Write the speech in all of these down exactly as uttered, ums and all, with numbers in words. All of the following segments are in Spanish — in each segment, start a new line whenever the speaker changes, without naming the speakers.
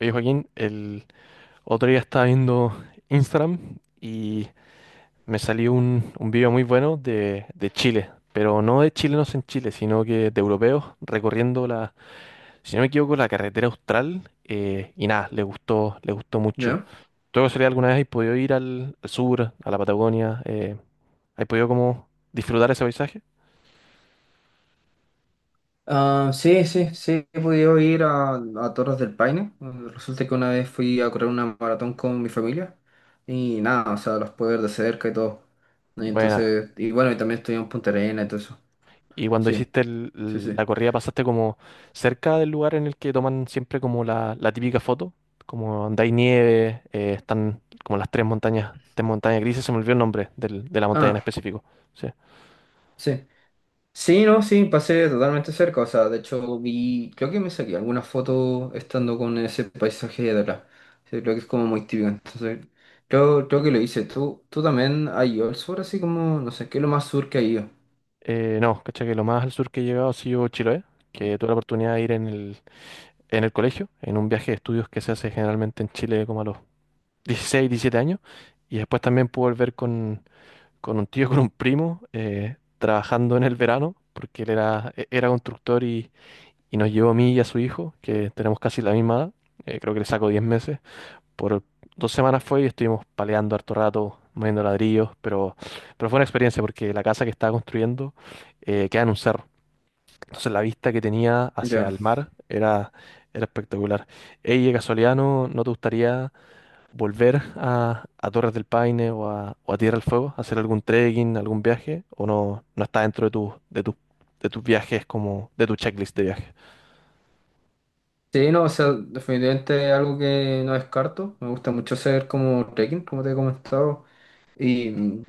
Oye, Joaquín, el otro día estaba viendo Instagram y me salió un, un video muy bueno de, de Chile, pero no de chilenos en Chile, sino que de europeos recorriendo la, si no me equivoco, la carretera austral, eh, y nada, le gustó, le gustó mucho.
¿Ya?
¿Tú de casualidad alguna vez has podido ir al, al sur, a la Patagonia? Eh, ¿has podido como disfrutar ese paisaje?
Ah, sí, sí, sí, he podido ir a, a Torres del Paine. Eh, Resulta que una vez fui a correr una maratón con mi familia y nada, o sea, los pude ver de cerca y todo. Y
Buena.
entonces, y bueno, y también estoy en Punta Arenas y todo eso.
Y cuando
Sí,
hiciste el-
sí,
el-
sí.
la corrida, ¿pasaste como cerca del lugar en el que toman siempre como la, la típica foto? Como donde hay nieve, eh, están como las tres montañas, tres montañas grises, se me olvidó el nombre del- de la montaña en
Ah,
específico. Sí.
sí. Sí, no, sí, pasé totalmente cerca. O sea, de hecho vi, creo que me saqué algunas fotos estando con ese paisaje de atrás. Sí, creo que es como muy típico. Entonces, creo, creo que lo hice. ¿Tú, tú también has ido al sur, así como, no sé, qué es lo más sur que has ido?
Eh, no, caché que lo más al sur que he llegado ha sido Chiloé, que tuve la oportunidad de ir en el, en el colegio, en un viaje de estudios que se hace generalmente en Chile como a los dieciséis diecisiete años. Y después también pude volver con, con un tío, con un primo, eh, trabajando en el verano, porque él era, e- era constructor y, y nos llevó a mí y a su hijo, que tenemos casi la misma edad. eh, creo que le saco diez meses. Por dos semanas fue y estuvimos paleando harto rato, moviendo ladrillos, pero, pero fue una experiencia porque la casa que estaba construyendo eh, queda en un cerro. Entonces la vista que tenía hacia
Ya.
el mar era, era espectacular. Ey, de casualidad, ¿no, no te gustaría volver a, a Torres del Paine o a, o a Tierra del Fuego, hacer algún trekking, algún viaje, o no, no está dentro de tus de tus de tus viajes como de tu checklist de viaje?
Sí, no, o sea, definitivamente es algo que no descarto. Me gusta mucho hacer como trekking, como te he comentado. Y mm,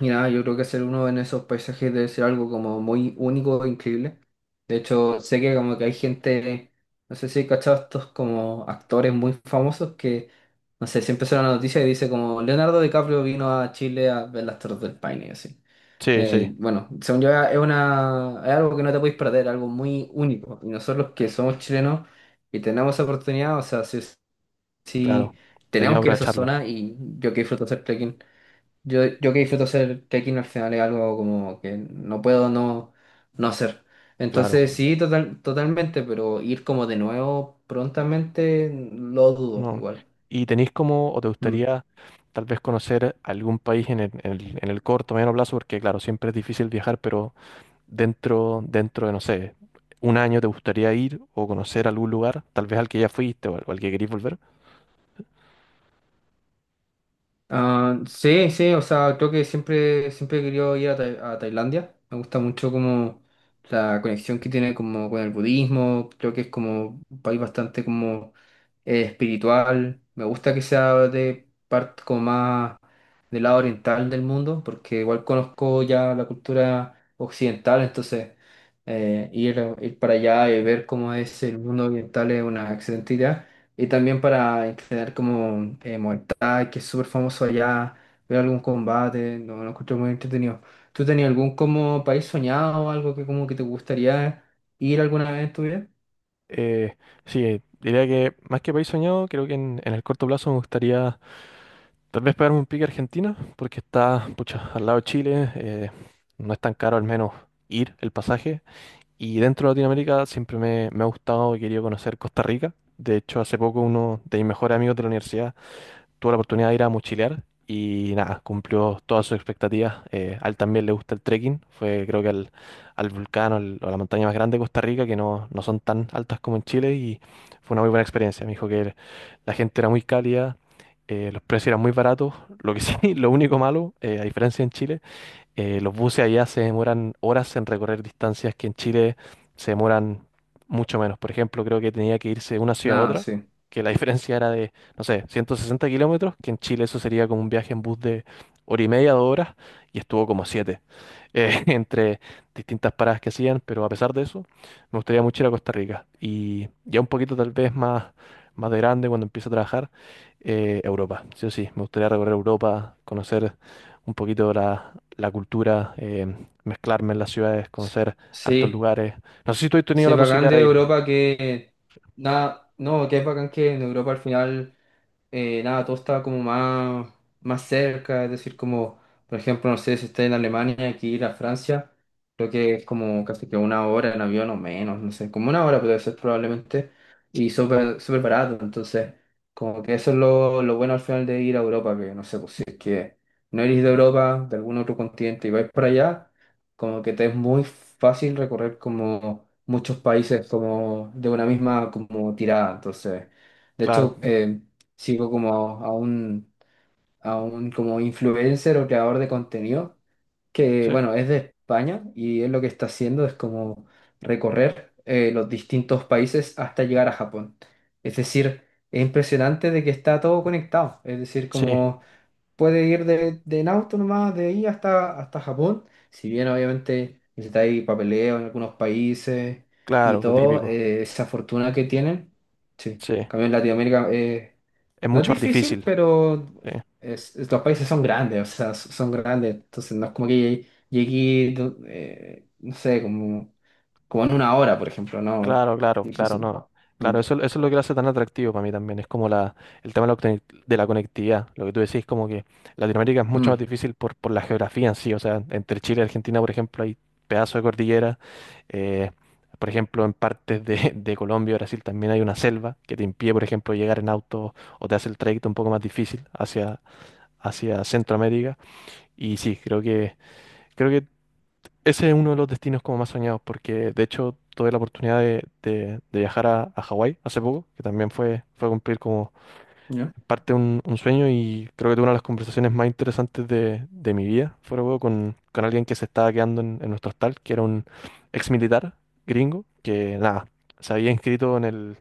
mira, yo creo que ser uno en esos paisajes debe ser algo como muy único e increíble. De hecho, sé que como que hay gente, no sé si he cachado estos como actores muy famosos que, no sé, siempre sale una noticia y dice como Leonardo DiCaprio vino a Chile a ver las Torres del Paine y así.
Sí, sí,
Eh, bueno, según yo es una, es algo que no te podéis perder, algo muy único. Y nosotros que somos chilenos y tenemos esa oportunidad, o sea, sí,
claro.
sí
Debería
tenemos que ir a esa
aprovecharlo,
zona y yo que disfruto hacer trekking. Yo, yo que disfruto hacer trekking al final es algo como que no puedo no, no hacer. Entonces
claro.
sí, total, totalmente, pero ir como de nuevo prontamente lo dudo
No.
igual.
¿Y tenéis como, o te
Mm.
gustaría tal vez conocer algún país en el, en el, en el corto, mediano plazo? Porque claro, siempre es difícil viajar, pero dentro, dentro de, no sé, un año te gustaría ir o conocer algún lugar, tal vez al que ya fuiste o al, o al que queréis volver.
Ah, sí, sí, o sea, creo que siempre, siempre he querido ir a, Tai- a Tailandia. Me gusta mucho como la conexión que tiene como con el budismo. Creo que es como un país bastante como eh, espiritual. Me gusta que sea de parte como más del lado oriental del mundo, porque igual conozco ya la cultura occidental, entonces eh, ir, ir para allá y ver cómo es el mundo oriental es una excelente idea. Y también para entrenar como eh, Muay Thai, que es súper famoso allá, ver algún combate, no, lo encuentro muy entretenido. ¿Tú tenías algún como país soñado o algo que como que te gustaría ir alguna vez en tu vida?
Eh, sí, eh, diría que más que país soñado, creo que en, en, el corto plazo me gustaría tal vez pegarme un pique a Argentina, porque está, pucha, al lado de Chile, eh, no es tan caro al menos ir el pasaje. Y dentro de Latinoamérica siempre me, me ha gustado y querido conocer Costa Rica. De hecho, hace poco uno de mis mejores amigos de la universidad tuvo la oportunidad de ir a mochilear y nada, cumplió todas sus expectativas. Eh, a él también le gusta el trekking, fue creo que al, al volcán o, al- o a la montaña más grande de Costa Rica, que no, no son tan altas como en Chile y fue una muy buena experiencia. Me dijo que la gente era muy cálida, eh, los precios eran muy baratos, lo que sí, lo único malo, eh, a diferencia en Chile, eh, los buses allá se demoran horas en recorrer distancias que en Chile se demoran mucho menos. Por ejemplo, creo que tenía que irse de una ciudad a
Nada,
otra,
sí.
que la diferencia era de, no sé, ciento sesenta kilómetros, que en Chile eso sería como un viaje en bus de hora y media, dos horas, y estuvo como siete, eh, entre distintas paradas que hacían, pero a pesar de eso, me gustaría mucho ir a Costa Rica. Y ya un poquito tal vez más, más de grande, cuando empiece a trabajar, eh, Europa. Sí o sí, me gustaría recorrer Europa, conocer un poquito la, la cultura, eh, mezclarme en las ciudades, conocer hartos
Sí,
lugares. No sé si tú has tenido
sí,
la
bacán
posibilidad
de
de ir.
Europa que, nada, no, que es bacán que en Europa al final eh, nada, todo estaba como más, más cerca, es decir, como, por ejemplo, no sé si está en Alemania, aquí ir a Francia, creo que es como casi que una hora en avión o menos, no sé, como una hora puede ser probablemente, y súper súper barato, entonces, como que eso es lo, lo bueno al final de ir a Europa, que no sé, pues si es que no eres de Europa, de algún otro continente y vais para allá, como que te es muy fácil recorrer como muchos países como de una misma como tirada, entonces, de
Claro,
hecho, eh, sigo como a un, a un como influencer o creador de contenido que,
sí,
bueno, es de España y él lo que está haciendo es como recorrer eh, los distintos países hasta llegar a Japón. Es decir, es impresionante de que está todo conectado. Es decir,
sí,
como puede ir de, de en auto nomás, de ahí hasta, hasta Japón. Si bien obviamente necesitáis papeleo en algunos países y
claro, lo
todo,
típico.
eh, esa fortuna que tienen. Sí, en
Sí,
cambio en Latinoamérica eh,
es
no es
mucho más
difícil,
difícil.
pero
Sí.
es- es- los países son grandes, o sea, s- son grandes. Entonces no es como que llegué, eh, no sé, como, como en una hora, por ejemplo, no, es
Claro, claro, claro,
difícil.
no.
Mm,
Claro, eso, eso es lo que lo hace tan atractivo para mí también. Es como la, el tema de la, conec- de la conectividad. Lo que tú decís, como que Latinoamérica es mucho más
mm,
difícil por, por la geografía en sí. O sea, entre Chile y Argentina, por ejemplo, hay pedazos de cordillera. eh, por ejemplo, en partes de, de Colombia y Brasil también hay una selva que te impide, por ejemplo, llegar en auto o te hace el trayecto un poco más difícil hacia, hacia Centroamérica. Y sí, creo que, creo que ese es uno de los destinos como más soñados, porque de hecho tuve la oportunidad de, de- de viajar a, a Hawái hace poco, que también fue, fue cumplir como
ya,
parte un, un sueño y creo que tuve una de las conversaciones más interesantes de, de mi vida, fuera de huevo, con, con alguien que se estaba quedando en, en, nuestro hostal, que era un ex militar gringo, que nada, se había inscrito en, el,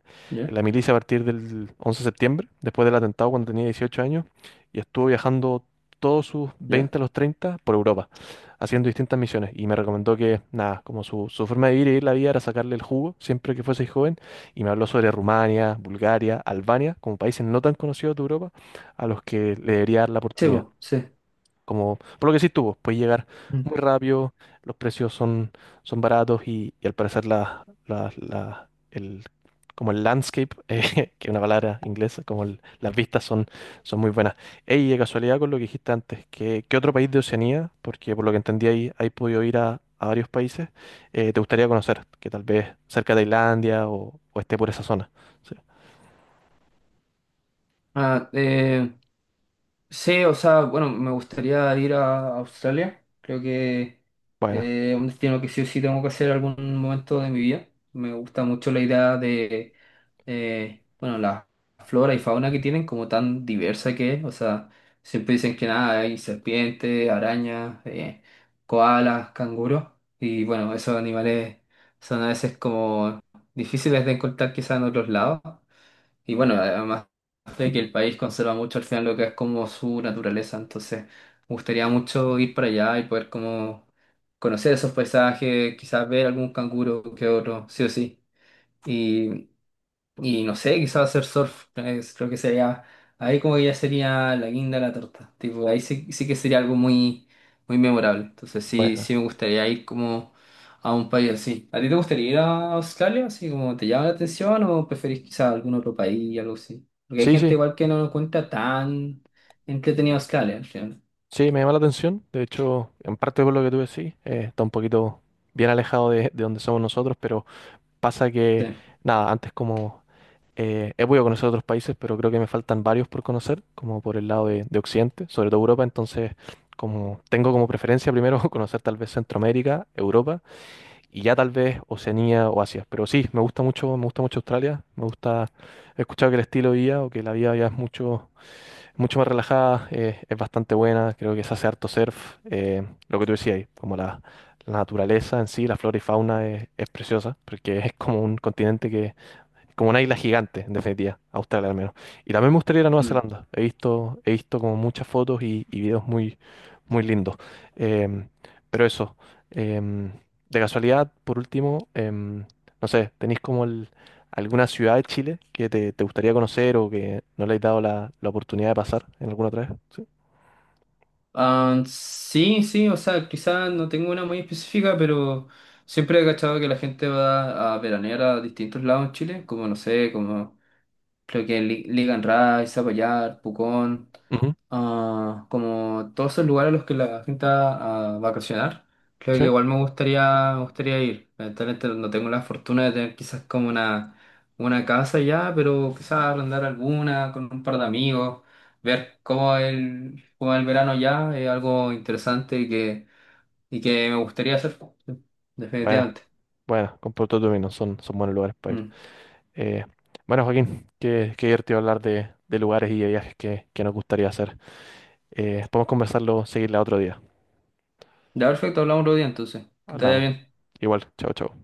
en
ya,
la milicia a partir del once de septiembre, después del atentado cuando tenía dieciocho años, y estuvo viajando todos sus
ya.
veinte a los treinta por Europa, haciendo distintas misiones, y me recomendó que nada, como su, su forma de vivir y vivir la vida era sacarle el jugo siempre que fuese joven y me habló sobre Rumania, Bulgaria, Albania, como países no tan conocidos de Europa, a los que le debería dar la
Sí,
oportunidad.
po, sí.
Como, por lo que sí tuvo, puedes llegar
Mm.
muy rápido, los precios son, son baratos y, y al parecer la, la- la- el, como el landscape, eh, que es una palabra inglesa, como el- las vistas son, son muy buenas. Ey, de casualidad con lo que dijiste antes, ¿qué, qué otro país de Oceanía? Porque por lo que entendí ahí, ahí podido ir a, a varios países, eh, te gustaría conocer, que tal vez cerca de Tailandia o, o esté por esa zona. Sí.
Ah, eh, sí, o sea, bueno, me gustaría ir a Australia. Creo que
Bueno,
eh, un destino que sí o sí tengo que hacer algún momento de mi vida. Me gusta mucho la idea de, eh, bueno, la flora y fauna que tienen, como tan diversa que es. O sea, siempre dicen que nada, hay serpientes, arañas, eh, koalas, canguros. Y bueno, esos animales son a veces como difíciles de encontrar quizás en otros lados. Y bueno, además de que el país conserva mucho al final lo que es como su naturaleza, entonces me gustaría mucho ir para allá y poder como conocer esos paisajes, quizás ver algún canguro que otro, sí o sí. Y no sé, quizás hacer surf, es- creo que sería, ahí como que ya sería la guinda de la torta, tipo, ahí sí, sí que sería algo muy, muy memorable. Entonces sí, sí
bueno.
me gustaría ir como a un país así. ¿A ti te gustaría ir a Australia? ¿Así como te llama la atención o preferís quizás algún otro país, algo así? Porque hay
Sí,
gente
sí.
igual que no lo cuenta tan entretenido Australia, al final.
Sí, me llama la atención. De hecho, en parte por lo que tú decís, eh, está un poquito bien alejado de, de donde somos nosotros, pero pasa que,
Sí.
nada, antes como eh, he podido conocer otros países, pero creo que me faltan varios por conocer, como por el lado de, de Occidente, sobre todo Europa. Entonces, como tengo como preferencia primero conocer tal vez Centroamérica, Europa y ya tal vez Oceanía o Asia. Pero sí, me gusta mucho, me gusta mucho Australia. Me gusta, he escuchado que el estilo de vida o que la vida ya es mucho mucho más relajada, eh, es bastante buena, creo que se hace harto surf, eh, lo que tú decías, ahí, como la, la naturaleza en sí, la flora y fauna es, es preciosa, porque es como un continente que, como una isla gigante, en definitiva, Australia al menos. Y también me gustaría ir a Nueva
Mm.
Zelanda, he visto, he visto como muchas fotos y, y videos muy, muy lindo. Em, pero eso, em, de casualidad, por último, em, no sé, ¿tenéis como el- alguna ciudad de Chile que te, te, gustaría conocer o que no le hayas dado la, la oportunidad de pasar en alguna otra vez? Sí.
Ah, sí, sí, o sea, quizás no tengo una muy específica, pero siempre he cachado que la gente va a veranear a distintos lados en Chile, como no sé, como creo que Li- Ligan Rai, Zapallar, Pucón,
Ujú.
ah, como todos esos lugares a los que la gente va a vacacionar, creo que
Sí.
igual me gustaría, me gustaría ir. Lamentablemente no tengo la fortuna de tener quizás como una, una casa ya, pero quizás arrendar alguna con un par de amigos, ver cómo el, cómo el verano ya es algo interesante y que, y que me gustaría hacer,
Buena,
definitivamente.
buena, con Puerto Tomino, son, son, buenos lugares para ir.
Mm.
Eh, bueno, Joaquín, qué, qué divertido hablar de, de lugares y de viajes que, que nos gustaría hacer. Eh, podemos conversarlo, seguirla otro día.
Ya, perfecto, hablamos otro día entonces. Que te vaya
Hablamos.
bien.
Igual, chao, chao.